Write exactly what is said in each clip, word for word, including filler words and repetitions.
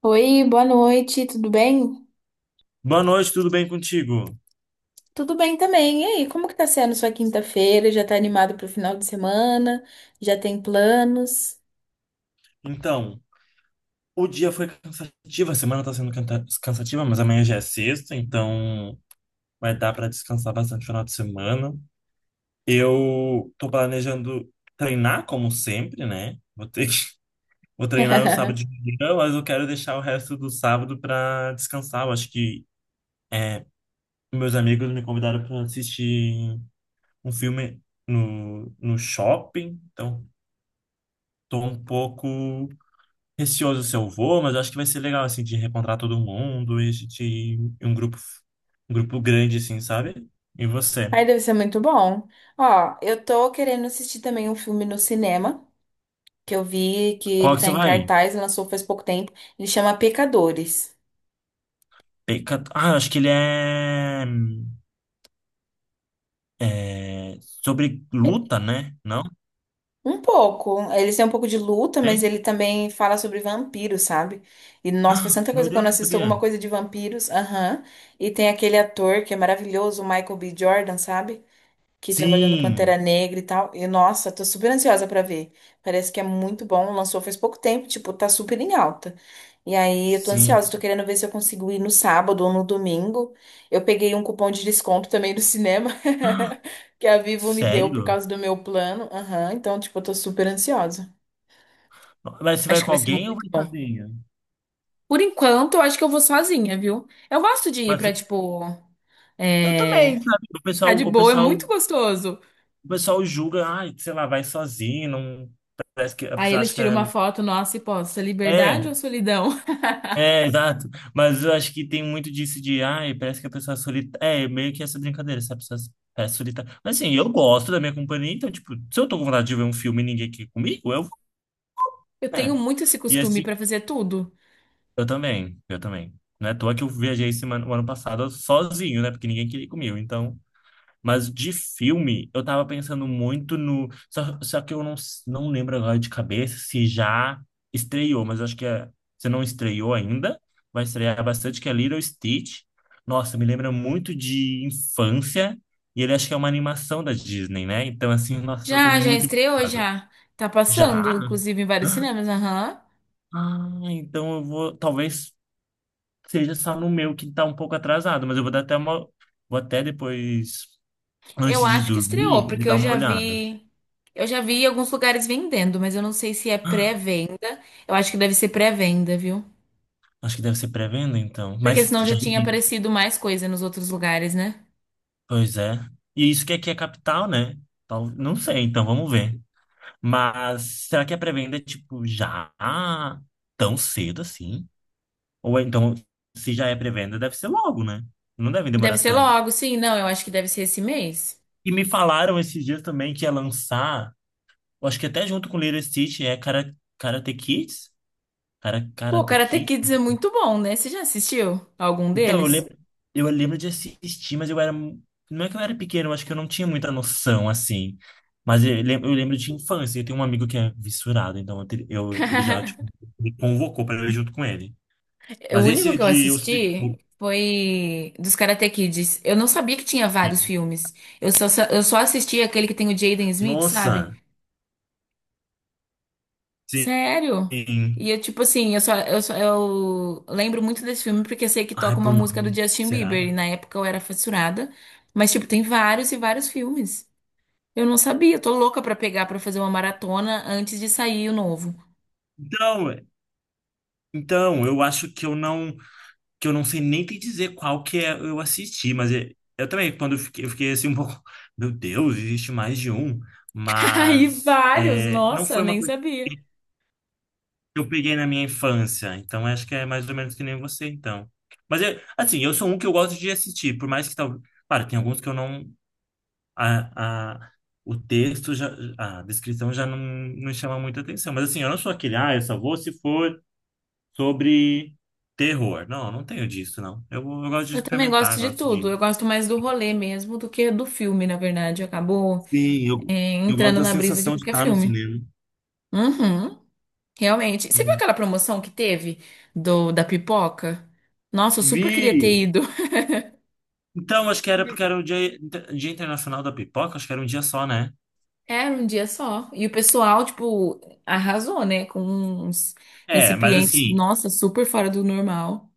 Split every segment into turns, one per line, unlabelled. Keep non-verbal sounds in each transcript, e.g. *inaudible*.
Oi, boa noite, tudo bem?
Boa noite, tudo bem contigo?
Tudo bem também. E aí, como que tá sendo sua quinta-feira? Já tá animado pro final de semana? Já tem planos?
Então, o dia foi cansativo, a semana tá sendo canta- cansativa, mas amanhã já é sexta, então vai dar para descansar bastante no final de semana. Eu tô planejando treinar, como sempre, né? Vou ter que. *laughs* Vou treinar no sábado de
*laughs*
manhã, mas eu quero deixar o resto do sábado para descansar. Eu acho que é, meus amigos me convidaram para assistir um filme no, no shopping, então tô um pouco receoso se eu vou, mas eu acho que vai ser legal, assim, de reencontrar todo mundo e a gente ir em um grupo, um grupo grande, assim, sabe? E você?
Ai, deve ser muito bom. Ó, eu tô querendo assistir também um filme no cinema, que eu vi que
Qual
ele
que
tá
você
em
vai?
cartaz, lançou faz pouco tempo. Ele chama Pecadores.
Peca- Ah, acho que ele é... é, sobre luta, né? Não?
Um pouco. Eles têm um pouco de luta, mas
Tem?
ele também fala sobre vampiros, sabe? E nossa, faz tanta
Meu
coisa quando
Deus,
eu
não
assisto alguma
sabia.
coisa de vampiros. Aham. E tem aquele ator que é maravilhoso, o Michael B. Jordan, sabe? Que trabalhou no
Sim,
Pantera Negra e tal. E nossa, tô super ansiosa pra ver. Parece que é muito bom, lançou faz pouco tempo, tipo, tá super em alta. E aí eu tô
sim.
ansiosa, tô querendo ver se eu consigo ir no sábado ou no domingo. Eu peguei um cupom de desconto também do cinema *laughs* que a Vivo me deu por
Sério?
causa do meu plano. Aham, então, tipo, eu tô super ansiosa.
Mas você vai
Acho que
com
vai ser
alguém ou
muito
vai
bom.
sozinho?
Por enquanto, eu acho que eu vou sozinha, viu? Eu gosto de ir
Mas
pra,
você
tipo,
tem,
é,
sabe? O
ficar
pessoal,
de
o
boa, é
pessoal,
muito gostoso.
o pessoal julga, ai, sei lá, vai sozinho, não. Parece que a
Aí
pessoa
eles
acha que
tiram
é.
uma foto nossa e posta liberdade
É,
ou solidão? *laughs*
é, exato. Mas eu acho que tem muito disso de, ai, parece que a pessoa é solitária. É, meio que essa brincadeira, essa pessoa parece solitária. Mas assim, eu gosto da minha companhia, então, tipo, se eu tô com vontade de ver um filme e ninguém aqui comigo, eu vou,
Eu tenho
né?
muito esse
E
costume
assim,
pra fazer tudo.
eu também, eu também. Não é à toa que eu viajei semana, o ano passado sozinho, né? Porque ninguém queria ir comigo. Então, mas de filme, eu tava pensando muito no. Só, só que eu não, s- não lembro agora de cabeça se já estreou, mas acho que é, Se não estreou ainda, vai estrear bastante, que é Little Stitch. Nossa, me lembra muito de infância, e ele acho que é uma animação da Disney, né? Então, assim, *laughs* nossa, eu tô
Já, já
muito
estreou,
empolgado.
já. Tá
Já?
passando, inclusive, em vários cinemas, aham.
Ah, então eu vou. Talvez seja só no meu que tá um pouco atrasado, mas eu vou dar até uma. Vou até depois, antes
Eu
de
acho que estreou,
dormir, de
porque
dar
eu
uma
já
olhada.
vi. Eu já vi em alguns lugares vendendo, mas eu não sei se é pré-venda. Eu acho que deve ser pré-venda, viu?
Acho que deve ser pré-venda, então.
Porque
Mas
senão já
já
tinha
existe.
aparecido mais coisa nos outros lugares, né?
Pois é. E isso que aqui é capital, né? Tal- Não sei, então vamos ver. Mas será que a pré-venda é tipo já tão cedo assim? Ou é, então, se já é pré-venda, deve ser logo, né? Não deve
Deve
demorar
ser
tanto.
logo, sim. Não, eu acho que deve ser esse mês.
E me falaram esses dias também que ia lançar, eu acho que até junto com Little Stitch, é Kara- Karate Kids? Kara-
Pô, o
Karate
Karate
Kids?
Kids é muito bom, né? Você já assistiu algum
Então, eu
deles?
lembro, eu lembro de assistir, mas eu era. mu- Não é que eu era pequeno, eu acho que eu não tinha muita noção, assim. Mas eu lembro, eu lembro de infância. Eu tenho um amigo que é vissurado, então eu, te- eu- ele já tipo,
*laughs*
me convocou para eu ir junto com ele.
O
Mas
único
esse
que eu
de Os
assisti
Pitbull.
foi dos Karate Kids. Eu não sabia que tinha vários filmes. Eu só, eu só assisti aquele que tem o Jaden Smith, sabe?
Nossa!
Sério? E
Sim.
eu, tipo assim, eu só, eu só- eu lembro muito desse filme porque eu sei que
Ai,
toca uma
por
música
nome.
do Justin
Será?
Bieber. E na época eu era fissurada. Mas, tipo, tem vários e vários filmes. Eu não sabia. Eu tô louca pra pegar pra fazer uma maratona antes de sair o novo.
Então, então, eu acho que eu não. Que eu não sei nem te dizer qual que é, eu assisti, mas é- eu também, quando eu fiquei, eu fiquei, assim um pouco, *laughs* meu Deus, existe mais de um,
*laughs* Aí,
mas
vários!
é, não
Nossa,
foi uma
nem
coisa
sabia.
que eu peguei na minha infância, então acho que é mais ou menos que nem você, então. Mas, é, assim, eu sou um que eu gosto de assistir, por mais que talvez, claro, tem alguns que eu não, a, a, o texto, já, a descrição já não, não chama muita atenção, mas assim, eu não sou aquele, ah, eu só vou se for sobre terror. Não, não tenho disso, não. Eu, eu gosto de
Eu também gosto
experimentar,
de
gosto
tudo.
de.
Eu gosto mais do rolê mesmo do que do filme, na verdade. Acabou,
Sim, eu,
é,
eu gosto
entrando
da
na brisa de
sensação de
qualquer
estar no
filme.
cinema.
Uhum, realmente. Você viu
Uhum.
aquela promoção que teve do da pipoca? Nossa, eu super
Vi!
queria ter ido.
Então, acho que era porque era
*laughs*
o dia, Dia Internacional da Pipoca, acho que era um dia só, né?
Era um dia só. E o pessoal, tipo, arrasou, né? Com uns
É, mas
recipientes,
assim.
nossa, super fora do normal.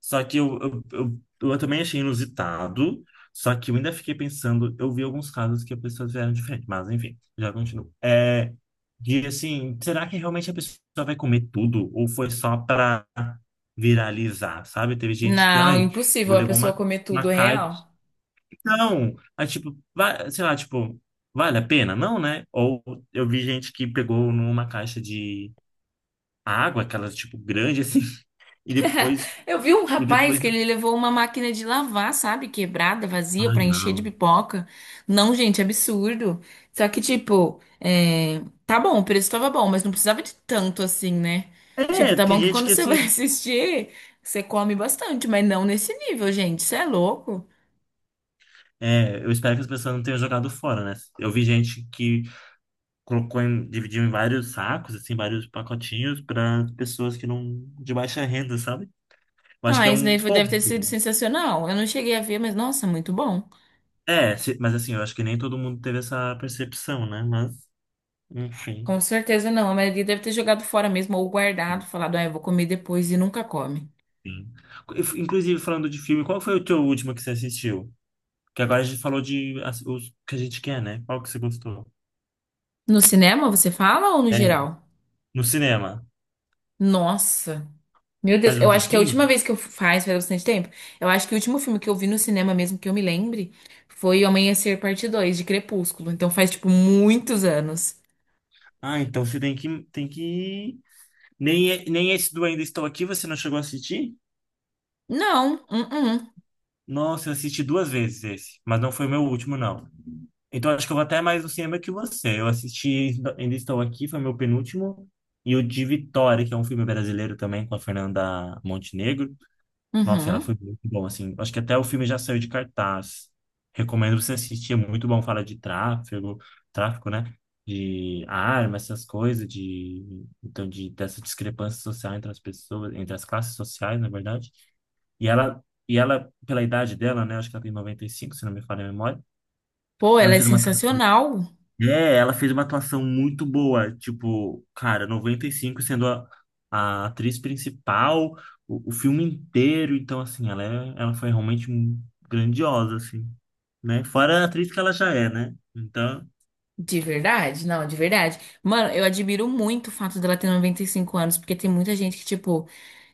Só que eu, eu, eu, eu também achei inusitado, só que eu ainda fiquei pensando, eu vi alguns casos que as pessoas vieram diferente, mas enfim, já continuo. É, de assim, será que realmente a pessoa vai comer tudo? Ou foi só para viralizar, sabe? Teve gente que,
Não,
ai,
impossível
vou
a
levar
pessoa
uma,
comer tudo
uma caixa.
real.
Não! Aí, tipo, vai, sei lá, tipo, vale a pena? Não, né? Ou eu vi gente que pegou numa caixa de água, aquelas, tipo, grande, assim, *laughs* e depois,
Eu vi um
e
rapaz
depois,
que ele levou uma máquina de lavar, sabe? Quebrada, vazia,
ai,
pra encher de
não.
pipoca. Não, gente, absurdo. Só que, tipo, é, tá bom, o preço tava bom, mas não precisava de tanto assim, né? Tipo,
É,
tá
tem
bom que
gente
quando
que
você *laughs* vai
assim.
assistir, você come bastante, mas não nesse nível, gente. Isso é louco.
É, eu espero que as pessoas não tenham jogado fora, né? Eu vi gente que colocou em, dividiu em vários sacos, assim, vários pacotinhos para pessoas que não, de baixa renda, sabe? Eu acho que
Ah,
é
isso
um
daí foi-
ponto.
deve ter sido sensacional. Eu não cheguei a ver, mas nossa, muito bom.
É, se- mas assim, eu acho que nem todo mundo teve essa percepção, né? Mas, enfim.
Com certeza não. A maioria deve ter jogado fora mesmo ou guardado, falado, ah, eu vou comer depois e nunca come.
enfim. Inf- Inclusive, falando de filme, qual foi o teu último que você assistiu? Que agora a gente falou de as- os que a gente quer, né? Qual que você gostou?
No cinema, você fala ou no
É,
geral?
no cinema.
Nossa. Meu Deus,
Faz
eu
um
acho que a
tempinho?
última vez que eu faz, faz bastante tempo. Eu acho que o último filme que eu vi no cinema mesmo que eu me lembre foi O Amanhecer Parte dois de Crepúsculo. Então faz tipo muitos anos.
Ah, então você tem que, tem que Nem, nem esse do Ainda Estou Aqui você não chegou a assistir?
Não, uh-uh.
Nossa, eu assisti duas vezes esse, mas não foi o meu último, não. Então acho que eu vou até mais no cinema que você. Eu assisti Ainda Estou Aqui, foi meu penúltimo, e o de Vitória, que é um filme brasileiro também com a Fernanda Montenegro. Nossa, ela
Uhum.
foi muito bom, assim. Acho que até o filme já saiu de cartaz. Recomendo você assistir, é muito bom. Fala de tráfego, tráfico, né? De armas, essas coisas, de então de dessa discrepância social entre as pessoas, entre as classes sociais, na verdade. E ela e ela, pela idade dela, né? Acho que ela tem noventa e cinco se não me falha a memória.
Pô, ela
Ela
é
fez uma
sensacional.
é, ela fez uma atuação muito boa, tipo, cara, noventa e cinco sendo a, a atriz principal, o, o filme inteiro, então assim, ela é, ela foi realmente grandiosa, assim, né? Fora a atriz que ela já é, né? Então,
De verdade? Não, de verdade. Mano, eu admiro muito o fato dela ter noventa e cinco anos, porque tem muita gente que, tipo,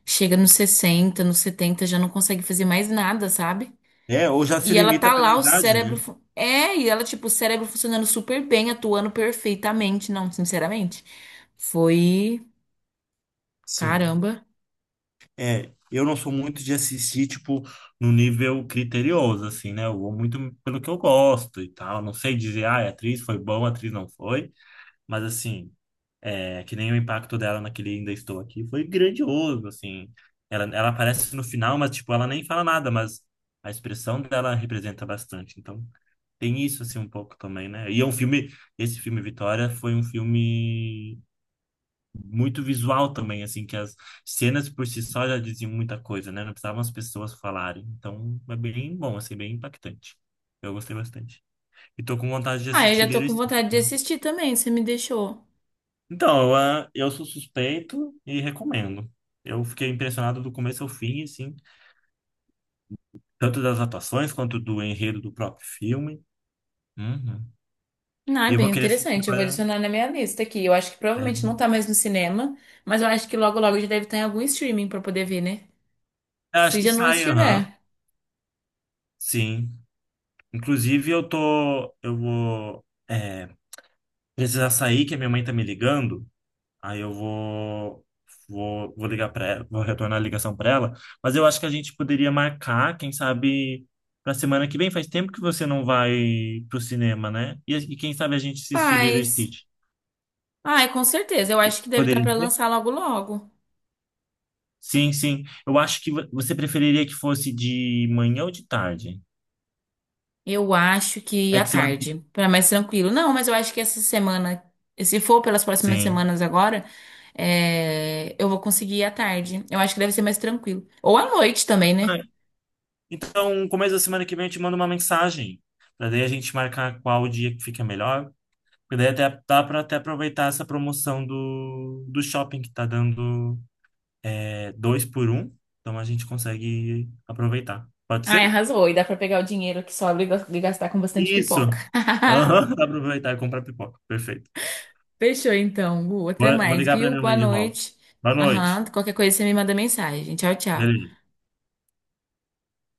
chega nos sessenta, nos setenta, já não consegue fazer mais nada, sabe?
é, ou já se
E ela tá
limita pela
lá, o
idade,
cérebro.
né?
fu- É, e ela, tipo, o cérebro funcionando super bem, atuando perfeitamente. Não, sinceramente. Foi.
Sim.
Caramba.
É, eu não sou muito de assistir, tipo, no nível criterioso, assim, né? Eu vou muito pelo que eu gosto e tal, não sei dizer, ah, a atriz foi boa, a atriz não foi, mas assim, é, que nem o impacto dela naquele Ainda Estou Aqui foi grandioso, assim. Ela, ela aparece no final, mas, tipo, ela nem fala nada, mas a expressão dela representa bastante. Então, tem isso, assim, um pouco também, né? E é um filme, esse filme Vitória foi um filme muito visual também, assim, que as cenas por si só já diziam muita coisa, né? Não precisavam as pessoas falarem. Então, é bem bom, assim, bem impactante. Eu gostei bastante. E tô com vontade de
Ah, eu
assistir
já tô
Little
com
Steve.
vontade de assistir também, você me deixou.
Então, eu, ah, eu sou suspeito e recomendo. Eu fiquei impressionado do começo ao fim, assim, tanto das atuações quanto do enredo do próprio filme. Uhum.
Ah, é
E eu
bem
vou querer assistir
interessante. Eu vou
agora.
adicionar na minha lista aqui. Eu acho que provavelmente não
Né?
tá mais no cinema, mas eu acho que logo logo já deve estar em algum streaming pra poder ver, né?
Eu acho
Se
que
já não
sai, aham,
estiver.
sim. Inclusive, eu tô, eu vou é, precisar sair, que a minha mãe tá me ligando. Aí eu vou vou, vou ligar para ela, vou retornar a ligação para ela, mas eu acho que a gente poderia marcar, quem sabe, para semana que vem. Faz tempo que você não vai pro cinema, né? E, e quem sabe a gente assistir Lilo e
Mas.
Stitch.
Ah, é, com certeza. Eu
Que-
acho que deve estar
poderia
pra
ser?
lançar logo logo.
Sim, sim. Eu acho que vo- você preferiria que fosse de manhã ou de tarde?
Eu acho que
É
à
que semana que.
tarde, para mais tranquilo. Não, mas eu acho que essa semana, se for pelas próximas
Sim.
semanas agora, é, eu vou conseguir ir à tarde. Eu acho que deve ser mais tranquilo. Ou à noite também, né?
Ah. Então, começo da semana que vem eu te mando uma mensagem, para daí a gente marcar qual dia que fica melhor. Porque daí até, dá para até aproveitar essa promoção do, do shopping que tá dando é, dois por um. Então a gente consegue aproveitar. Pode
Ai,
ser?
arrasou. E dá pra pegar o dinheiro que sobra e gas- e gastar com bastante
Isso!
pipoca.
Aham, *laughs* dá
*laughs*
pra aproveitar e comprar pipoca. Perfeito.
Fechou então, Gu. Até
Vou, vou
mais,
ligar pra
viu?
minha
Boa
mãe de volta.
noite.
Boa noite.
Aham. Qualquer coisa você me manda mensagem. Tchau, tchau.
Beleza.